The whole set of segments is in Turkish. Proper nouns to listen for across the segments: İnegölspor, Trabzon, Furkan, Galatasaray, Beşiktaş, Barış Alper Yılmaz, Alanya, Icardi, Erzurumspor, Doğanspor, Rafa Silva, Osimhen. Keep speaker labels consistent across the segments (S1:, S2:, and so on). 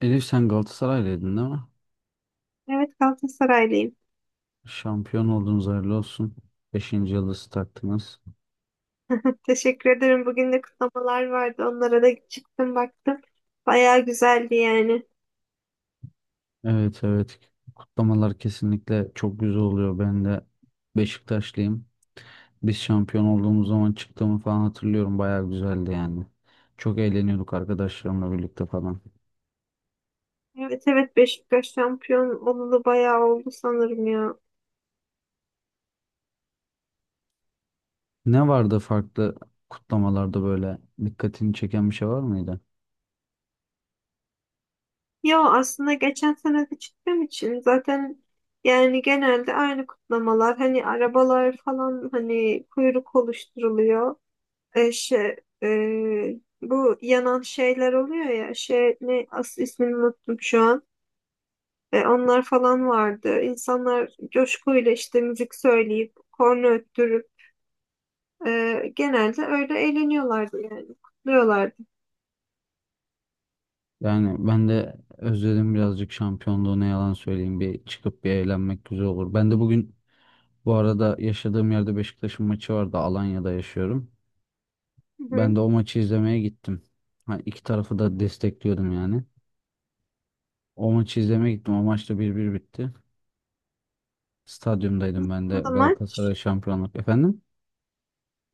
S1: Elif sen Galatasaraylıydın değil mi?
S2: Evet Galatasaraylıyım.
S1: Şampiyon oldunuz hayırlı olsun. Beşinci yıldızı taktınız.
S2: Teşekkür ederim. Bugün de kutlamalar vardı. Onlara da çıktım baktım. Bayağı güzeldi yani.
S1: Evet evet, kutlamalar kesinlikle çok güzel oluyor. Ben de Beşiktaşlıyım. Biz şampiyon olduğumuz zaman çıktığımı falan hatırlıyorum. Bayağı güzeldi yani. Çok eğleniyorduk arkadaşlarımla birlikte falan.
S2: Evet, evet, Beşiktaş şampiyon olalı bayağı oldu sanırım ya.
S1: Ne vardı farklı kutlamalarda böyle dikkatini çeken bir şey var mıydı?
S2: Yo aslında geçen sene de çıktığım için zaten yani genelde aynı kutlamalar. Hani arabalar falan hani kuyruk oluşturuluyor. Şey, bu yanan şeyler oluyor ya şey ne, asıl ismini unuttum şu an. Onlar falan vardı. İnsanlar coşkuyla işte müzik söyleyip, korna öttürüp genelde öyle eğleniyorlardı yani. Kutluyorlardı.
S1: Yani ben de özledim birazcık şampiyonluğu, ne yalan söyleyeyim, bir çıkıp bir eğlenmek güzel olur. Ben de bugün Bu arada yaşadığım yerde Beşiktaş'ın maçı vardı. Alanya'da yaşıyorum.
S2: Hı
S1: Ben
S2: hı.
S1: de o maçı izlemeye gittim. Ha, iki tarafı da destekliyordum yani. O maçı izlemeye gittim. O maçta 1-1 bitti. Stadyumdaydım ben de
S2: Nasıldı maç?
S1: Galatasaray şampiyonluk. Efendim?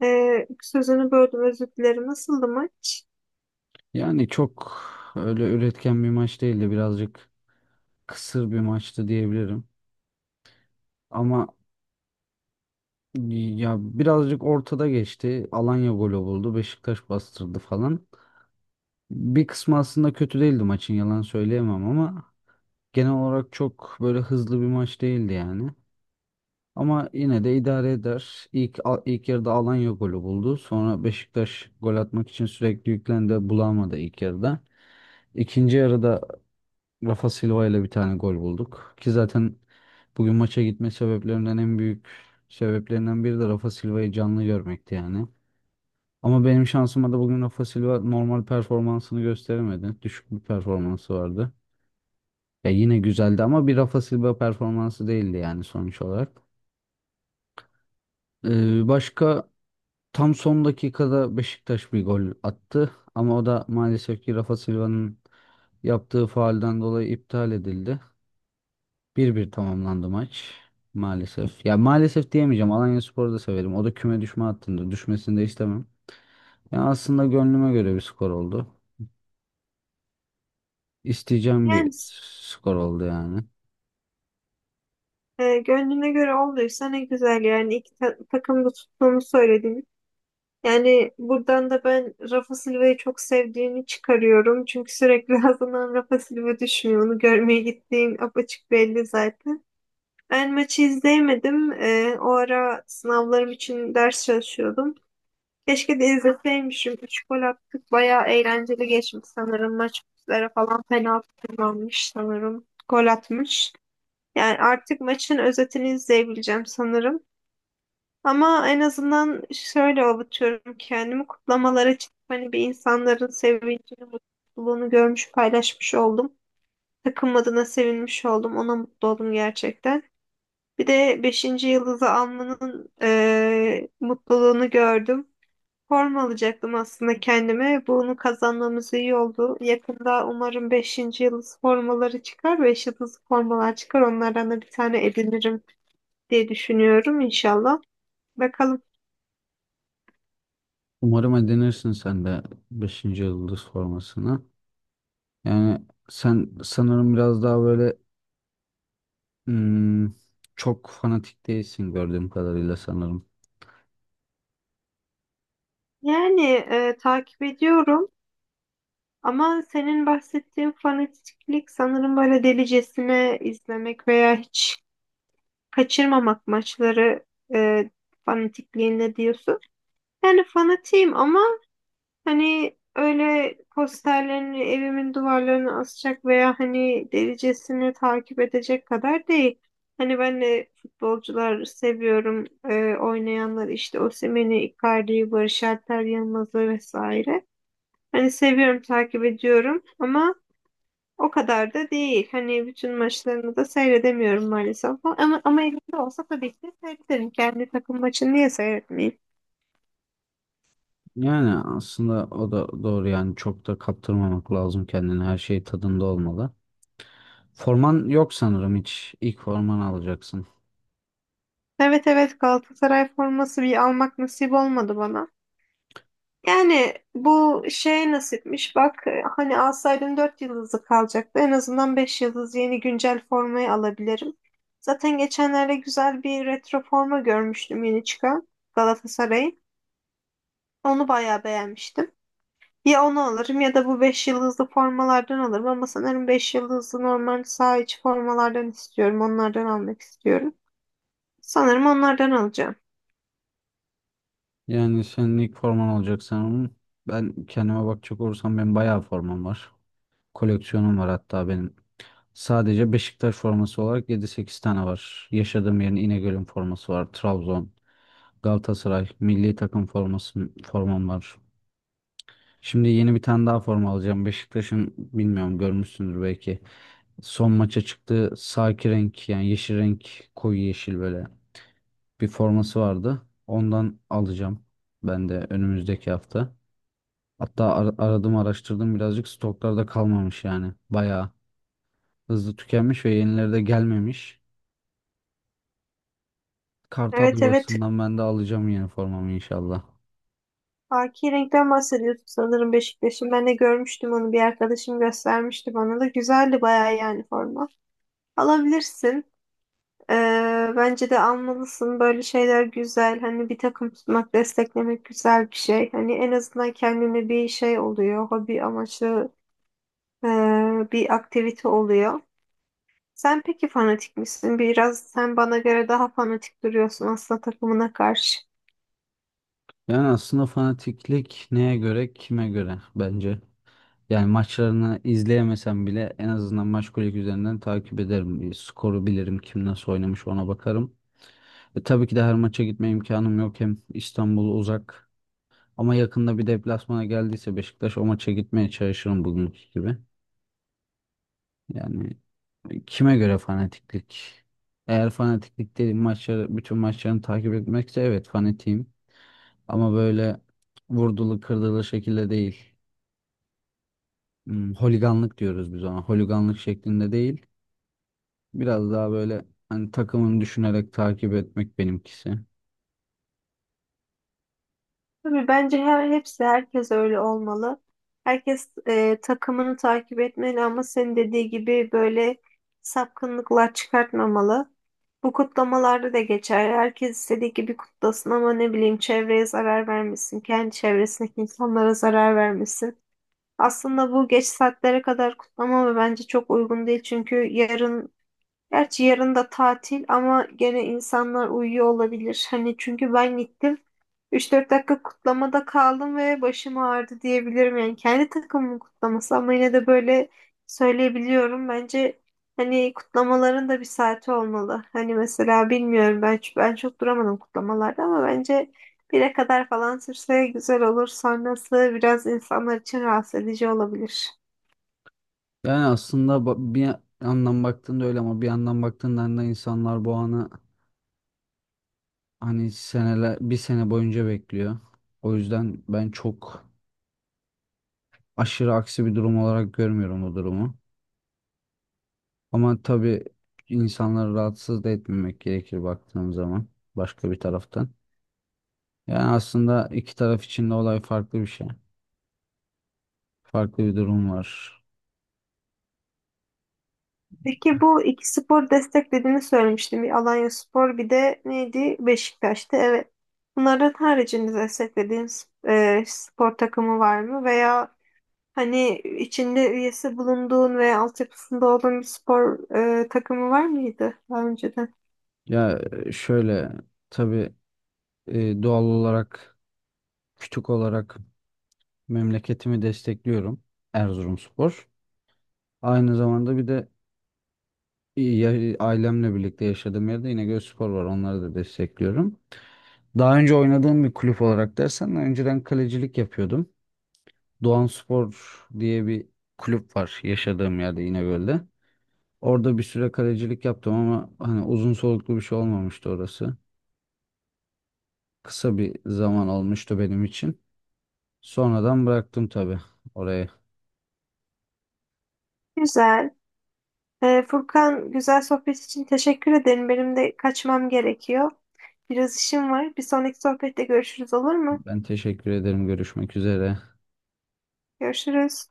S2: Sözünü böldüm, özür dilerim. Nasıldı maç?
S1: Yani çok öyle üretken bir maç değildi. Birazcık kısır bir maçtı diyebilirim. Ama ya birazcık ortada geçti. Alanya golü buldu. Beşiktaş bastırdı falan. Bir kısmı aslında kötü değildi maçın, yalan söyleyemem, ama genel olarak çok böyle hızlı bir maç değildi yani. Ama yine de idare eder. İlk yarıda Alanya golü buldu. Sonra Beşiktaş gol atmak için sürekli yüklendi. Bulamadı ilk yarıda. İkinci yarıda Rafa Silva ile bir tane gol bulduk. Ki zaten bugün maça gitme sebeplerinden en büyük sebeplerinden biri de Rafa Silva'yı canlı görmekti yani. Ama benim şansıma da bugün Rafa Silva normal performansını gösteremedi. Düşük bir performansı vardı. Ya yine güzeldi ama bir Rafa Silva performansı değildi yani sonuç olarak. Başka tam son dakikada Beşiktaş bir gol attı, ama o da maalesef ki Rafa Silva'nın yaptığı faalden dolayı iptal edildi. 1-1 tamamlandı maç maalesef. Ya maalesef diyemeyeceğim. Alanyaspor'u da severim. O da küme düşme hattında. Düşmesini de istemem. Ya aslında gönlüme göre bir skor oldu. İsteyeceğim
S2: Yani
S1: bir skor oldu yani.
S2: gönlüne göre olduysa ne güzel yani. İki takım da tuttuğumu söyledim. Yani buradan da ben Rafa Silva'yı çok sevdiğini çıkarıyorum. Çünkü sürekli ağzından Rafa Silva düşmüyor. Onu görmeye gittiğin apaçık belli zaten. Ben maçı izleyemedim. O ara sınavlarım için ders çalışıyordum. Keşke de izleseymişim. Üç gol attık. Bayağı eğlenceli geçmiş sanırım. Maç üzere falan penaltı kullanmış sanırım. Gol atmış. Yani artık maçın özetini izleyebileceğim sanırım. Ama en azından şöyle avutuyorum kendimi. Kutlamalara çıkıp hani bir insanların sevincini, mutluluğunu görmüş, paylaşmış oldum. Takım adına sevinmiş oldum. Ona mutlu oldum gerçekten. Bir de beşinci yıldızı almanın mutluluğunu gördüm. Forma alacaktım aslında kendime. Bunu kazanmamız iyi oldu. Yakında umarım beşinci yıldız formaları çıkar. Beş yıldız formalar çıkar. Onlardan da bir tane edinirim diye düşünüyorum inşallah. Bakalım.
S1: Umarım edinirsin sen de beşinci yıldız formasını. Yani sen sanırım biraz daha böyle hmm, çok fanatik değilsin gördüğüm kadarıyla sanırım.
S2: Yani takip ediyorum. Ama senin bahsettiğin fanatiklik sanırım böyle delicesine izlemek veya hiç kaçırmamak maçları eee fanatikliğinde diyorsun. Yani fanatiyim ama hani öyle posterlerini evimin duvarlarına asacak veya hani derecesini takip edecek kadar değil. Hani ben de futbolcular seviyorum. Oynayanlar işte Osimhen'i, Icardi'yi, Barış Alper Yılmaz'ı vesaire. Hani seviyorum, takip ediyorum ama o kadar da değil. Hani bütün maçlarını da seyredemiyorum maalesef. Ama elimde olsa tabii ki seyrederim. Kendi takım maçını niye seyretmeyeyim?
S1: Yani aslında o da doğru yani, çok da kaptırmamak lazım kendini, her şey tadında olmalı. Forman yok sanırım, hiç ilk forman alacaksın.
S2: Evet, evet, Galatasaray forması bir almak nasip olmadı bana. Yani bu şey nasipmiş bak, hani alsaydın 4 yıldızlı kalacaktı. En azından 5 yıldız yeni güncel formayı alabilirim. Zaten geçenlerde güzel bir retro forma görmüştüm yeni çıkan Galatasaray'ın. Onu bayağı beğenmiştim. Ya onu alırım ya da bu 5 yıldızlı formalardan alırım ama sanırım 5 yıldızlı normal saha içi formalardan istiyorum. Onlardan almak istiyorum. Sanırım onlardan alacağım.
S1: Yani senin ilk forman olacak sanırım. Ben kendime bakacak olursam benim bayağı formam var. Koleksiyonum var hatta benim. Sadece Beşiktaş forması olarak yedi sekiz tane var. Yaşadığım yerin, İnegöl'ün forması var. Trabzon. Galatasaray milli takım formam var. Şimdi yeni bir tane daha forma alacağım. Beşiktaş'ın, bilmiyorum görmüşsündür belki. Son maça çıktığı saki renk, yani yeşil renk, koyu yeşil böyle bir forması vardı. Ondan alacağım ben de önümüzdeki hafta. Hatta aradım araştırdım birazcık, stoklarda kalmamış yani. Bayağı hızlı tükenmiş ve yenileri de gelmemiş. Kartal
S2: Evet, evet,
S1: yuvasından ben de alacağım yeni formamı inşallah.
S2: haki renkten bahsediyorsun sanırım Beşiktaş'ın. Ben de görmüştüm onu, bir arkadaşım göstermişti bana da. Güzeldi bayağı yani forma. Alabilirsin. Ee, Bence de almalısın. Böyle şeyler güzel. Hani bir takım tutmak, desteklemek güzel bir şey. Hani en azından kendine bir şey oluyor. Hobi amaçlı e, bir aktivite oluyor. Sen peki fanatik misin? Biraz sen bana göre daha fanatik duruyorsun aslında takımına karşı.
S1: Yani aslında fanatiklik neye göre, kime göre bence. Yani maçlarını izleyemesem bile en azından maç kulübü üzerinden takip ederim. Bir skoru bilirim, kim nasıl oynamış ona bakarım. Tabii ki de her maça gitme imkanım yok. Hem İstanbul uzak ama yakında bir deplasmana geldiyse Beşiktaş, o maça gitmeye çalışırım bugünkü gibi. Yani kime göre fanatiklik? Eğer fanatiklik dediğim maçları, bütün maçlarını takip etmekse, evet fanatiyim. Ama böyle vurdulu kırdılı şekilde değil. Holiganlık diyoruz biz ona. Holiganlık şeklinde değil. Biraz daha böyle hani takımını düşünerek takip etmek benimkisi.
S2: Tabii bence herkes öyle olmalı. Herkes takımını takip etmeli ama senin dediği gibi böyle sapkınlıklar çıkartmamalı. Bu kutlamalarda da geçer. Herkes istediği gibi kutlasın ama ne bileyim çevreye zarar vermesin. Kendi çevresindeki insanlara zarar vermesin. Aslında bu geç saatlere kadar kutlama ve bence çok uygun değil. Çünkü yarın... Gerçi yarın da tatil ama gene insanlar uyuyor olabilir. Hani çünkü ben gittim. 3-4 dakika kutlamada kaldım ve başım ağrıdı diyebilirim. Yani kendi takımımın kutlaması ama yine de böyle söyleyebiliyorum. Bence hani kutlamaların da bir saati olmalı. Hani mesela bilmiyorum ben, ben çok duramadım kutlamalarda ama bence 1'e kadar falan sürse güzel olur. Sonrası biraz insanlar için rahatsız edici olabilir.
S1: Yani aslında bir yandan baktığında öyle, ama bir yandan baktığında da insanlar bu anı, hani seneler, bir sene boyunca bekliyor. O yüzden ben çok aşırı aksi bir durum olarak görmüyorum o durumu. Ama tabii insanları rahatsız da etmemek gerekir baktığım zaman başka bir taraftan. Yani aslında iki taraf için de olay farklı bir şey. Farklı bir durum var.
S2: Peki bu iki spor desteklediğini söylemiştim. Bir Alanya spor bir de neydi? Beşiktaş'tı. Evet. Bunların haricinde desteklediğiniz spor takımı var mı? Veya hani içinde üyesi bulunduğun veya altyapısında olduğun bir spor takımı var mıydı daha önceden?
S1: Ya şöyle, tabii doğal olarak, küçük olarak memleketimi destekliyorum, Erzurumspor. Aynı zamanda bir de ailemle birlikte yaşadığım yerde İnegölspor var. Onları da destekliyorum. Daha önce oynadığım bir kulüp olarak dersen, önceden kalecilik yapıyordum. Doğanspor diye bir kulüp var yaşadığım yerde, İnegöl'de. Orada bir süre kalecilik yaptım ama hani uzun soluklu bir şey olmamıştı orası. Kısa bir zaman olmuştu benim için. Sonradan bıraktım tabii orayı.
S2: Güzel. Furkan, güzel sohbet için teşekkür ederim. Benim de kaçmam gerekiyor. Biraz işim var. Bir sonraki sohbette görüşürüz, olur mu?
S1: Ben teşekkür ederim. Görüşmek üzere.
S2: Görüşürüz.